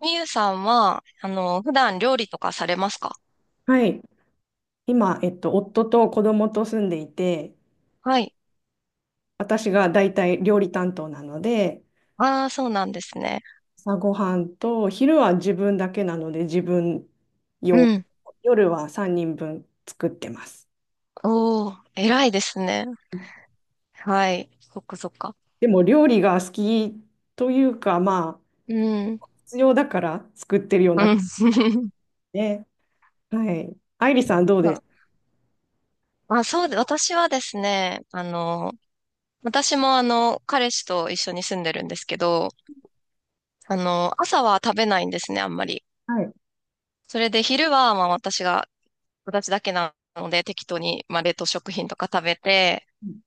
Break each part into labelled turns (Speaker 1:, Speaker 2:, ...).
Speaker 1: みゆさんは、あの、普段料理とかされますか？
Speaker 2: はい。今、夫と子供と住んでいて、
Speaker 1: はい。
Speaker 2: 私が大体料理担当なので、
Speaker 1: ああ、そうなんですね。
Speaker 2: 朝ごはんと昼は自分だけなので自分
Speaker 1: う
Speaker 2: 用、
Speaker 1: ん。
Speaker 2: 夜は3人分作ってます。
Speaker 1: おー、偉いですね。はい。そっかそっか。
Speaker 2: でも料理が好きというか、まあ、
Speaker 1: うん。
Speaker 2: 必要だから作ってるよう
Speaker 1: う
Speaker 2: な感
Speaker 1: ん。そ
Speaker 2: じで、はい。愛理さんどうです
Speaker 1: うまあ、そうで、私はですね、あの、私もあの、彼氏と一緒に住んでるんですけど、あの、朝は食べないんですね、あんまり。
Speaker 2: か？はい。
Speaker 1: それで昼は、まあ私が、私だけなので、適当に、まあ冷凍食品とか食べて、
Speaker 2: うん、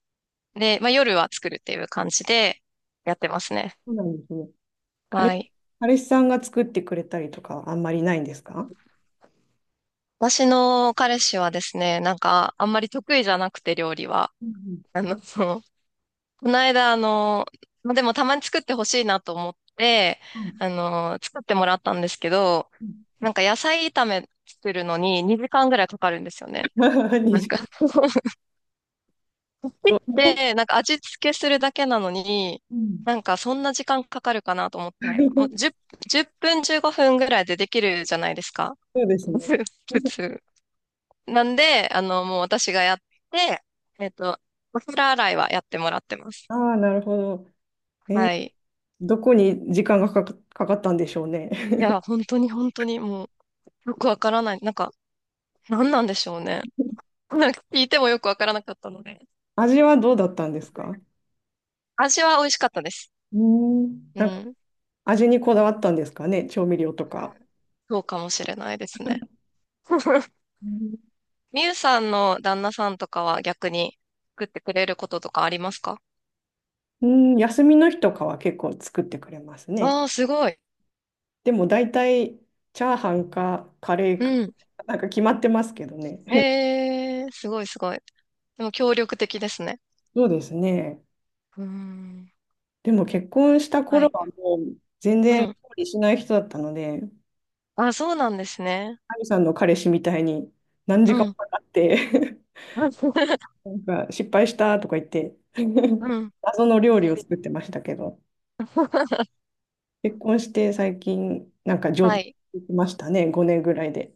Speaker 1: で、まあ夜は作るっていう感じでやってますね。
Speaker 2: そうなんですね。
Speaker 1: は
Speaker 2: 彼、
Speaker 1: い。
Speaker 2: 彼氏さんが作ってくれたりとかはあんまりないんですか？
Speaker 1: 私の彼氏はですね、なんか、あんまり得意じゃなくて、料理は。
Speaker 2: うん、
Speaker 1: あの、そうこの間、あの、まあでもたまに作ってほしいなと思って、
Speaker 2: うん、うん、
Speaker 1: あの、作ってもらったんですけど、なんか野菜炒め作るのに2時間ぐらいかかるんですよね。
Speaker 2: うん。 二
Speaker 1: なん
Speaker 2: 重
Speaker 1: か
Speaker 2: と、
Speaker 1: で、なんか味付けするだけなのに、
Speaker 2: うん。
Speaker 1: なんかそんな時間かかるかなと思って、もう10、10分15分ぐらいでできるじゃないですか。
Speaker 2: そうですね。
Speaker 1: 普 通。なんで、あの、もう私がやって、えっと、お皿洗いはやってもらってます。
Speaker 2: ああ、なるほど。え
Speaker 1: は
Speaker 2: ー
Speaker 1: い。
Speaker 2: どこに時間がかか、ったんでしょうね。
Speaker 1: い や、本当にもう、よくわからない。なんか、何なんでしょうね。なんか聞いてもよくわからなかったので。
Speaker 2: 味はどうだったんですか？
Speaker 1: 味は美味しかったです。
Speaker 2: うーん。
Speaker 1: う
Speaker 2: なんか
Speaker 1: ん。
Speaker 2: 味にこだわったんですかね、調味料とか。
Speaker 1: そうかもしれないですね。
Speaker 2: うん、
Speaker 1: みゆさんの旦那さんとかは逆に作ってくれることとかありますか？
Speaker 2: うん、休みの日とかは結構作ってくれますね。
Speaker 1: ああー、すごい。
Speaker 2: でも大体チャーハンかカレー
Speaker 1: う
Speaker 2: か、
Speaker 1: ん。
Speaker 2: なんか決まってますけどね。
Speaker 1: えすごいすごい。でも協力的ですね。
Speaker 2: そうですね。
Speaker 1: うーん。
Speaker 2: でも結婚した
Speaker 1: は
Speaker 2: 頃
Speaker 1: い。
Speaker 2: はもう全
Speaker 1: う
Speaker 2: 然
Speaker 1: ん。
Speaker 2: 料理しない人だったので、
Speaker 1: あ、そうなんですね。
Speaker 2: アミさんの彼氏みたいに何時間
Speaker 1: う
Speaker 2: も
Speaker 1: ん。
Speaker 2: かかって なんか失敗したとか言って
Speaker 1: う ん。
Speaker 2: 謎の料理
Speaker 1: そ
Speaker 2: を
Speaker 1: う。
Speaker 2: 作ってましたけど、結婚して最近なんか上
Speaker 1: は
Speaker 2: 手
Speaker 1: い。
Speaker 2: になりましたね、5年ぐらいで。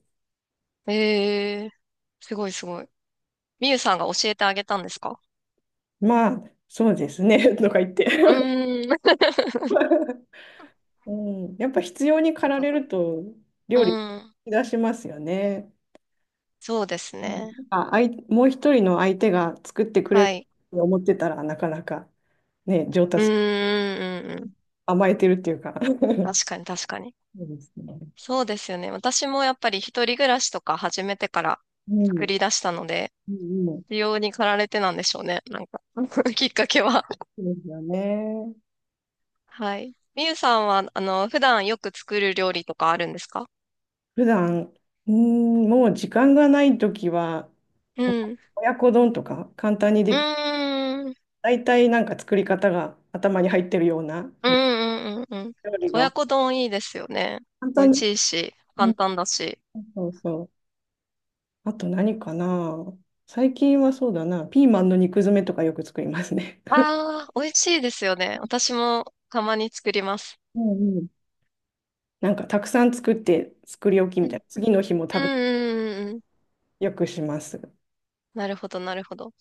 Speaker 1: えー、すごいすごい。みゆさんが教えてあげたんですか？
Speaker 2: まあ、そうですね とか言って
Speaker 1: う ーん。
Speaker 2: うん、やっぱ必要に駆ら れると
Speaker 1: う
Speaker 2: 料理
Speaker 1: ん。
Speaker 2: 出しますよね。
Speaker 1: そうです
Speaker 2: うん。
Speaker 1: ね。
Speaker 2: なんかもう一人の相手が作ってくれ
Speaker 1: は
Speaker 2: る
Speaker 1: い。
Speaker 2: と思ってたらなかなかね、上
Speaker 1: うー
Speaker 2: 達、
Speaker 1: ん、うん、うん。
Speaker 2: 甘えてるっていうか そ
Speaker 1: 確かに、確かに。
Speaker 2: うですね。
Speaker 1: そうですよね。私もやっぱり一人暮らしとか始めてから
Speaker 2: う
Speaker 1: 作
Speaker 2: ん、
Speaker 1: り出したので、
Speaker 2: うん、うん。
Speaker 1: 需要に駆られてなんでしょうね。なんか きっかけは。
Speaker 2: そうですよね。
Speaker 1: はい。みゆさんは、あの、普段よく作る料理とかあるんですか？
Speaker 2: 普段、もう時間がないときは、
Speaker 1: う
Speaker 2: お
Speaker 1: ん。
Speaker 2: 親子丼とか簡単に
Speaker 1: う
Speaker 2: でき、
Speaker 1: ーん、うん、
Speaker 2: 大体なんか作り方が頭に入ってるような
Speaker 1: うん、うん。うん
Speaker 2: 料理
Speaker 1: 親
Speaker 2: が
Speaker 1: 子丼いいですよね。
Speaker 2: 簡
Speaker 1: 美味し
Speaker 2: 単。
Speaker 1: いし、
Speaker 2: う
Speaker 1: 簡
Speaker 2: ん、
Speaker 1: 単だし。
Speaker 2: そうそう。あと何かな。最近はそうだな。ピーマンの肉詰めとかよく作りますね。
Speaker 1: ああ、美味しいですよね。私もたまに作ります。
Speaker 2: うん、うん。なんかたくさん作って作り置きみ
Speaker 1: う
Speaker 2: たい
Speaker 1: ん、
Speaker 2: な。次の日も
Speaker 1: うん、
Speaker 2: 食べ、
Speaker 1: うん、うん。うん
Speaker 2: よくします。好
Speaker 1: なるほど、なるほど。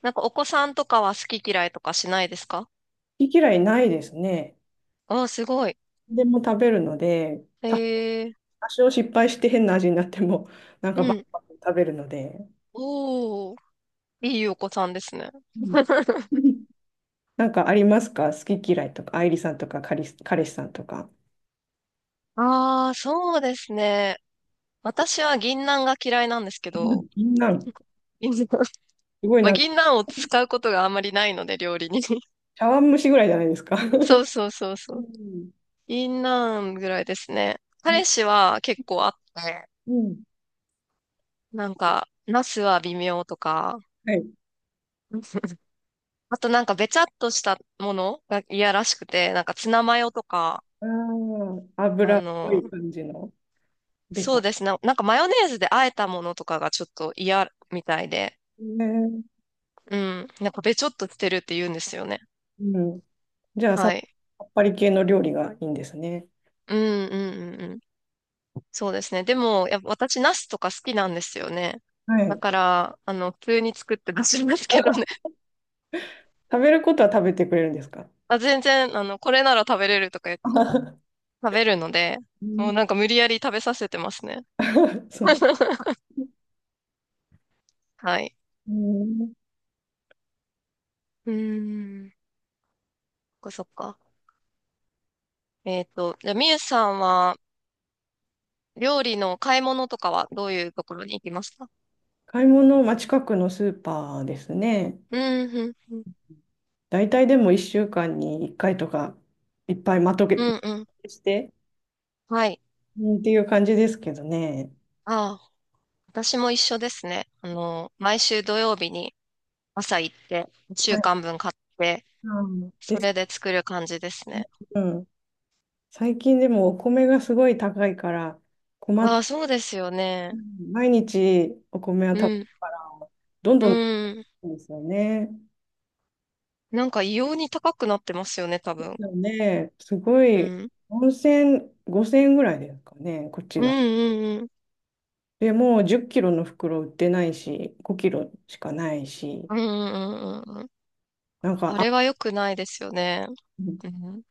Speaker 1: なんかお子さんとかは好き嫌いとかしないですか？
Speaker 2: き嫌いないですね。
Speaker 1: ああー、すごい。
Speaker 2: でも食べるので。
Speaker 1: ええ
Speaker 2: 多少失敗して変な味になっても、なんかバ
Speaker 1: う
Speaker 2: ク
Speaker 1: ん。
Speaker 2: バク食べるので、
Speaker 1: おー、いいお子さんですね。
Speaker 2: うん。 なんかありますか好き嫌いとか、愛梨さんとか、彼氏さんとか。
Speaker 1: ああ、そうですね。私は銀杏が嫌いなんですけど、
Speaker 2: みんな、すごい
Speaker 1: まあ、
Speaker 2: なんか、
Speaker 1: 銀杏を使うことがあんまりないので、料理に。
Speaker 2: 茶碗蒸しぐらいじゃないですか。
Speaker 1: そ うそうそう
Speaker 2: う
Speaker 1: そう。
Speaker 2: ん、
Speaker 1: 銀杏ぐらいですね。彼氏は結構あって、
Speaker 2: うん、
Speaker 1: なんか、ナスは微妙とか、
Speaker 2: はい。
Speaker 1: あとなんかべちゃっとしたものが嫌らしくて、なんかツナマヨとか、
Speaker 2: ああ、
Speaker 1: あ
Speaker 2: 油っぽ
Speaker 1: の、
Speaker 2: い感じの、ベ
Speaker 1: そう
Speaker 2: タ。
Speaker 1: ですね。なんかマヨネーズで和えたものとかがちょっと嫌みたいで、
Speaker 2: ね、
Speaker 1: うん。なんかべちょっとしてるって言うんですよね。
Speaker 2: うん。じゃあ
Speaker 1: は
Speaker 2: さ、
Speaker 1: い。
Speaker 2: さっぱり系の料理がいいんですね。
Speaker 1: うんうんうんうん。そうですね。でも、やっぱ私、ナスとか好きなんですよね。
Speaker 2: は
Speaker 1: だ
Speaker 2: い。
Speaker 1: から、あの、普通に作って出しますけどね。
Speaker 2: 食べることは食べてくれるんですか？
Speaker 1: あ、全然、あの、これなら食べれるとか言って 食べるので、
Speaker 2: う
Speaker 1: も
Speaker 2: ん。
Speaker 1: うなんか無理やり食べさせてますね。
Speaker 2: そう。
Speaker 1: はい。
Speaker 2: うん。
Speaker 1: うーん。そっかそっか。じゃあ、みゆさんは、料理の買い物とかはどういうところに行きますか？
Speaker 2: 買い物、まあ、近くのスーパーですね。
Speaker 1: うん、うん、うん。
Speaker 2: 大体でも1週間に1回とか、いっぱいまと
Speaker 1: う
Speaker 2: げ
Speaker 1: んうん
Speaker 2: して、
Speaker 1: はい。
Speaker 2: うんっていう感じですけどね。
Speaker 1: ああ、私も一緒ですね。あの、毎週土曜日に朝行って、一
Speaker 2: は
Speaker 1: 週
Speaker 2: い。
Speaker 1: 間分買って、
Speaker 2: うん
Speaker 1: そ
Speaker 2: です
Speaker 1: れで作る感じです
Speaker 2: ね、
Speaker 1: ね。
Speaker 2: うん。最近でもお米がすごい高いから、困
Speaker 1: あ
Speaker 2: っ、
Speaker 1: あ、そうですよ
Speaker 2: う
Speaker 1: ね。
Speaker 2: ん、毎日お米は
Speaker 1: う
Speaker 2: 食べる
Speaker 1: ん。
Speaker 2: から、どん
Speaker 1: う
Speaker 2: どん高
Speaker 1: ん。
Speaker 2: いんですよね。
Speaker 1: なんか異様に高くなってますよね、多
Speaker 2: で
Speaker 1: 分。
Speaker 2: すよね。すご
Speaker 1: う
Speaker 2: い、
Speaker 1: ん。
Speaker 2: 4000、5000円ぐらいですかね、こち
Speaker 1: うん
Speaker 2: ら。
Speaker 1: うんうん。
Speaker 2: でもう10キロの袋売ってないし、5キロしかないし、
Speaker 1: うんうんうんうん。
Speaker 2: なんか
Speaker 1: あれは良くないですよね。うん。うん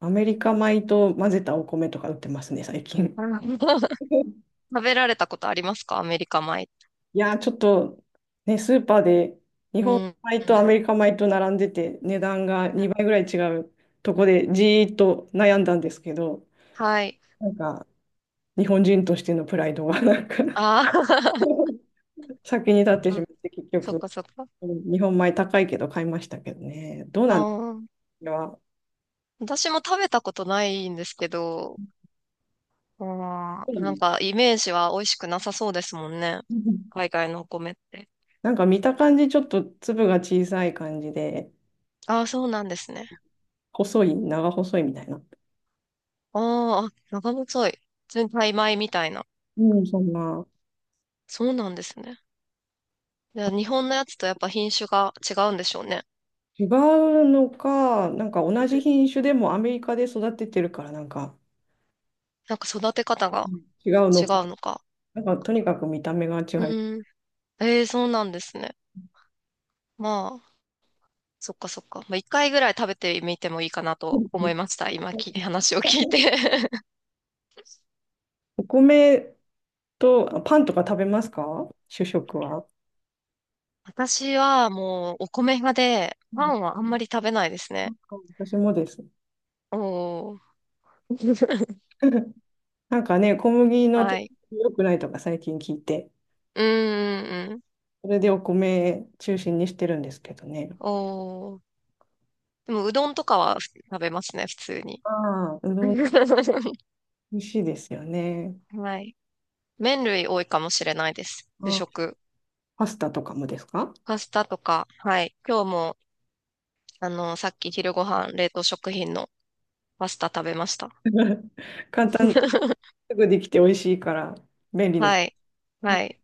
Speaker 2: アメリカ米と混ぜたお米とか売ってますね、最近。
Speaker 1: 食べられたことありますかアメリカ米。
Speaker 2: いやー、ちょっとね、スーパーで日
Speaker 1: う
Speaker 2: 本
Speaker 1: ん。
Speaker 2: 米
Speaker 1: う
Speaker 2: とア
Speaker 1: ん
Speaker 2: メリカ米と並んでて、値段が2倍ぐらい違うとこでじーっと悩んだんですけど、
Speaker 1: はい。
Speaker 2: なんか日本人としてのプライドが なんか
Speaker 1: あー
Speaker 2: 先に立っ てし
Speaker 1: あ、
Speaker 2: まって、結
Speaker 1: そ
Speaker 2: 局、
Speaker 1: っ
Speaker 2: うん、
Speaker 1: かそっか。
Speaker 2: 日本米高いけど買いましたけどね。どう
Speaker 1: あ
Speaker 2: なんですか？
Speaker 1: あ。私も食べたことないんですけど、あ
Speaker 2: どう
Speaker 1: ーなん
Speaker 2: な
Speaker 1: かイメージは美味しくなさそうですもんね。
Speaker 2: の？
Speaker 1: 海外のお米って。
Speaker 2: なんか見た感じ、ちょっと粒が小さい感じで、
Speaker 1: ああ、そうなんですね。
Speaker 2: 細い、長細いみたいな。
Speaker 1: あーあ、長細い。全体米みたいな。
Speaker 2: うん、そんな。
Speaker 1: そうなんですね。じゃあ日本のやつとやっぱ品種が違うんでしょうね。
Speaker 2: 違うのか、なんか同じ品種でもアメリカで育ててるから、なんか、
Speaker 1: なんか育て方が
Speaker 2: うん、違うの
Speaker 1: 違う
Speaker 2: か。
Speaker 1: のか。
Speaker 2: なんかとにかく見た目が違
Speaker 1: う
Speaker 2: う。
Speaker 1: ーん。ええ、そうなんですね。まあ、そっかそっか。まあ、一回ぐらい食べてみてもいいかな
Speaker 2: う
Speaker 1: と
Speaker 2: ん。
Speaker 1: 思いました。今き、話を聞いて。
Speaker 2: お米とパンとか食べますか？主食は。
Speaker 1: 私はもうお米派で、
Speaker 2: う
Speaker 1: パ
Speaker 2: ん、
Speaker 1: ンはあんまり食べないです
Speaker 2: なん
Speaker 1: ね。
Speaker 2: か私もです。
Speaker 1: おー。
Speaker 2: なんかね、小麦の
Speaker 1: は
Speaker 2: と
Speaker 1: い。
Speaker 2: 良くないとか最近聞いて、
Speaker 1: うーん。
Speaker 2: それでお米中心にしてるんですけどね。
Speaker 1: おー。でも、うどんとかは食べますね、普通に。
Speaker 2: ああ、うどん 美味しいですよね。
Speaker 1: はい。麺類多いかもしれないです。主
Speaker 2: あ、
Speaker 1: 食。
Speaker 2: パスタとかもですか？
Speaker 1: パスタとか、はい。今日も、あの、さっき昼ご飯、冷凍食品のパスタ食べました。
Speaker 2: すぐできて美味しいから便利です。
Speaker 1: はい。はい。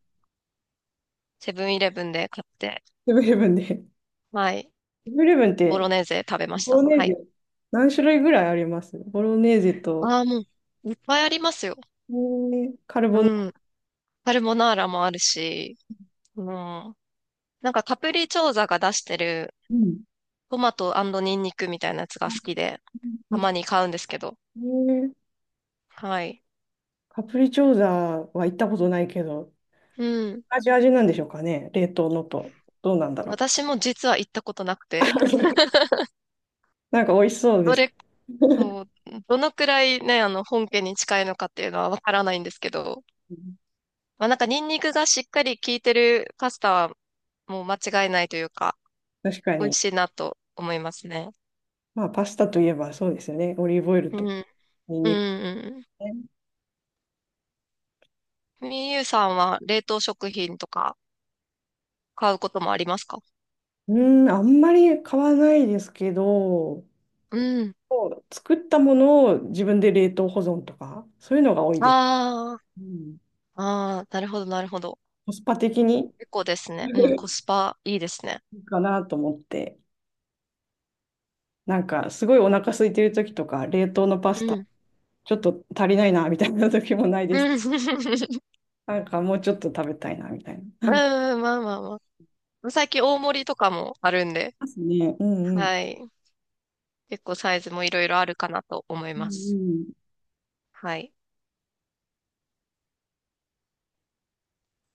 Speaker 1: セブンイレブンで買って、
Speaker 2: セブンイレブンで。セ
Speaker 1: はい。
Speaker 2: ブンイレブンっ
Speaker 1: ボ
Speaker 2: て、
Speaker 1: ロネーゼ食べまし
Speaker 2: ボロ
Speaker 1: た。
Speaker 2: ネ
Speaker 1: は
Speaker 2: ーゼ
Speaker 1: い。
Speaker 2: 何種類ぐらいありますボロネーゼと、
Speaker 1: ああ、もう、いっぱいありますよ。
Speaker 2: カルボナ、
Speaker 1: うん。カルボナーラもあるし、うん。なんかカプリチョーザが出してる
Speaker 2: うん、
Speaker 1: トマトニンニクみたいなやつが好きで、たまに買うんですけど。
Speaker 2: えー
Speaker 1: はい。
Speaker 2: カプリチョーザは行ったことないけど、
Speaker 1: うん。
Speaker 2: 味なんでしょうかね冷凍のと。どうなんだろう。
Speaker 1: 私も実は行ったことなくて、
Speaker 2: なんか美味しそうで
Speaker 1: ど
Speaker 2: す。
Speaker 1: れ、そう、どのくらいね、あの、本家に近いのかっていうのはわからないんですけど、まあなんかニンニクがしっかり効いてるパスタはもう間違いないというか、
Speaker 2: 確か
Speaker 1: 美
Speaker 2: に。
Speaker 1: 味しいなと思いますね。
Speaker 2: まあパスタといえばそうですよね。オリーブオイル
Speaker 1: う
Speaker 2: と
Speaker 1: ん。
Speaker 2: ニン
Speaker 1: うん、
Speaker 2: ニク
Speaker 1: うん
Speaker 2: ね。
Speaker 1: うん。みゆうさんは冷凍食品とか買うこともありますか？
Speaker 2: あんまり買わないですけど、
Speaker 1: うん。
Speaker 2: 作ったものを自分で冷凍保存とか、そういうのが多いです。
Speaker 1: あ
Speaker 2: うん、
Speaker 1: あ、ああ、なるほど、なるほど。
Speaker 2: コスパ的に
Speaker 1: 結構です
Speaker 2: い
Speaker 1: ね。うん、コスパいいですね。
Speaker 2: いかなと思って、なんかすごいお腹空いてる時とか、冷凍のパス
Speaker 1: う
Speaker 2: タ、
Speaker 1: ん。
Speaker 2: ちょっと足りないなみたいな時もない
Speaker 1: う
Speaker 2: です。
Speaker 1: ん、
Speaker 2: なんかもうちょっと食べたいなみたいな。
Speaker 1: うんまあまあまあ。最近大盛りとかもあるんで、
Speaker 2: ますね。うん、うん。
Speaker 1: はい。結構サイズもいろいろあるかなと思い
Speaker 2: うん、
Speaker 1: ます。
Speaker 2: うん
Speaker 1: はい。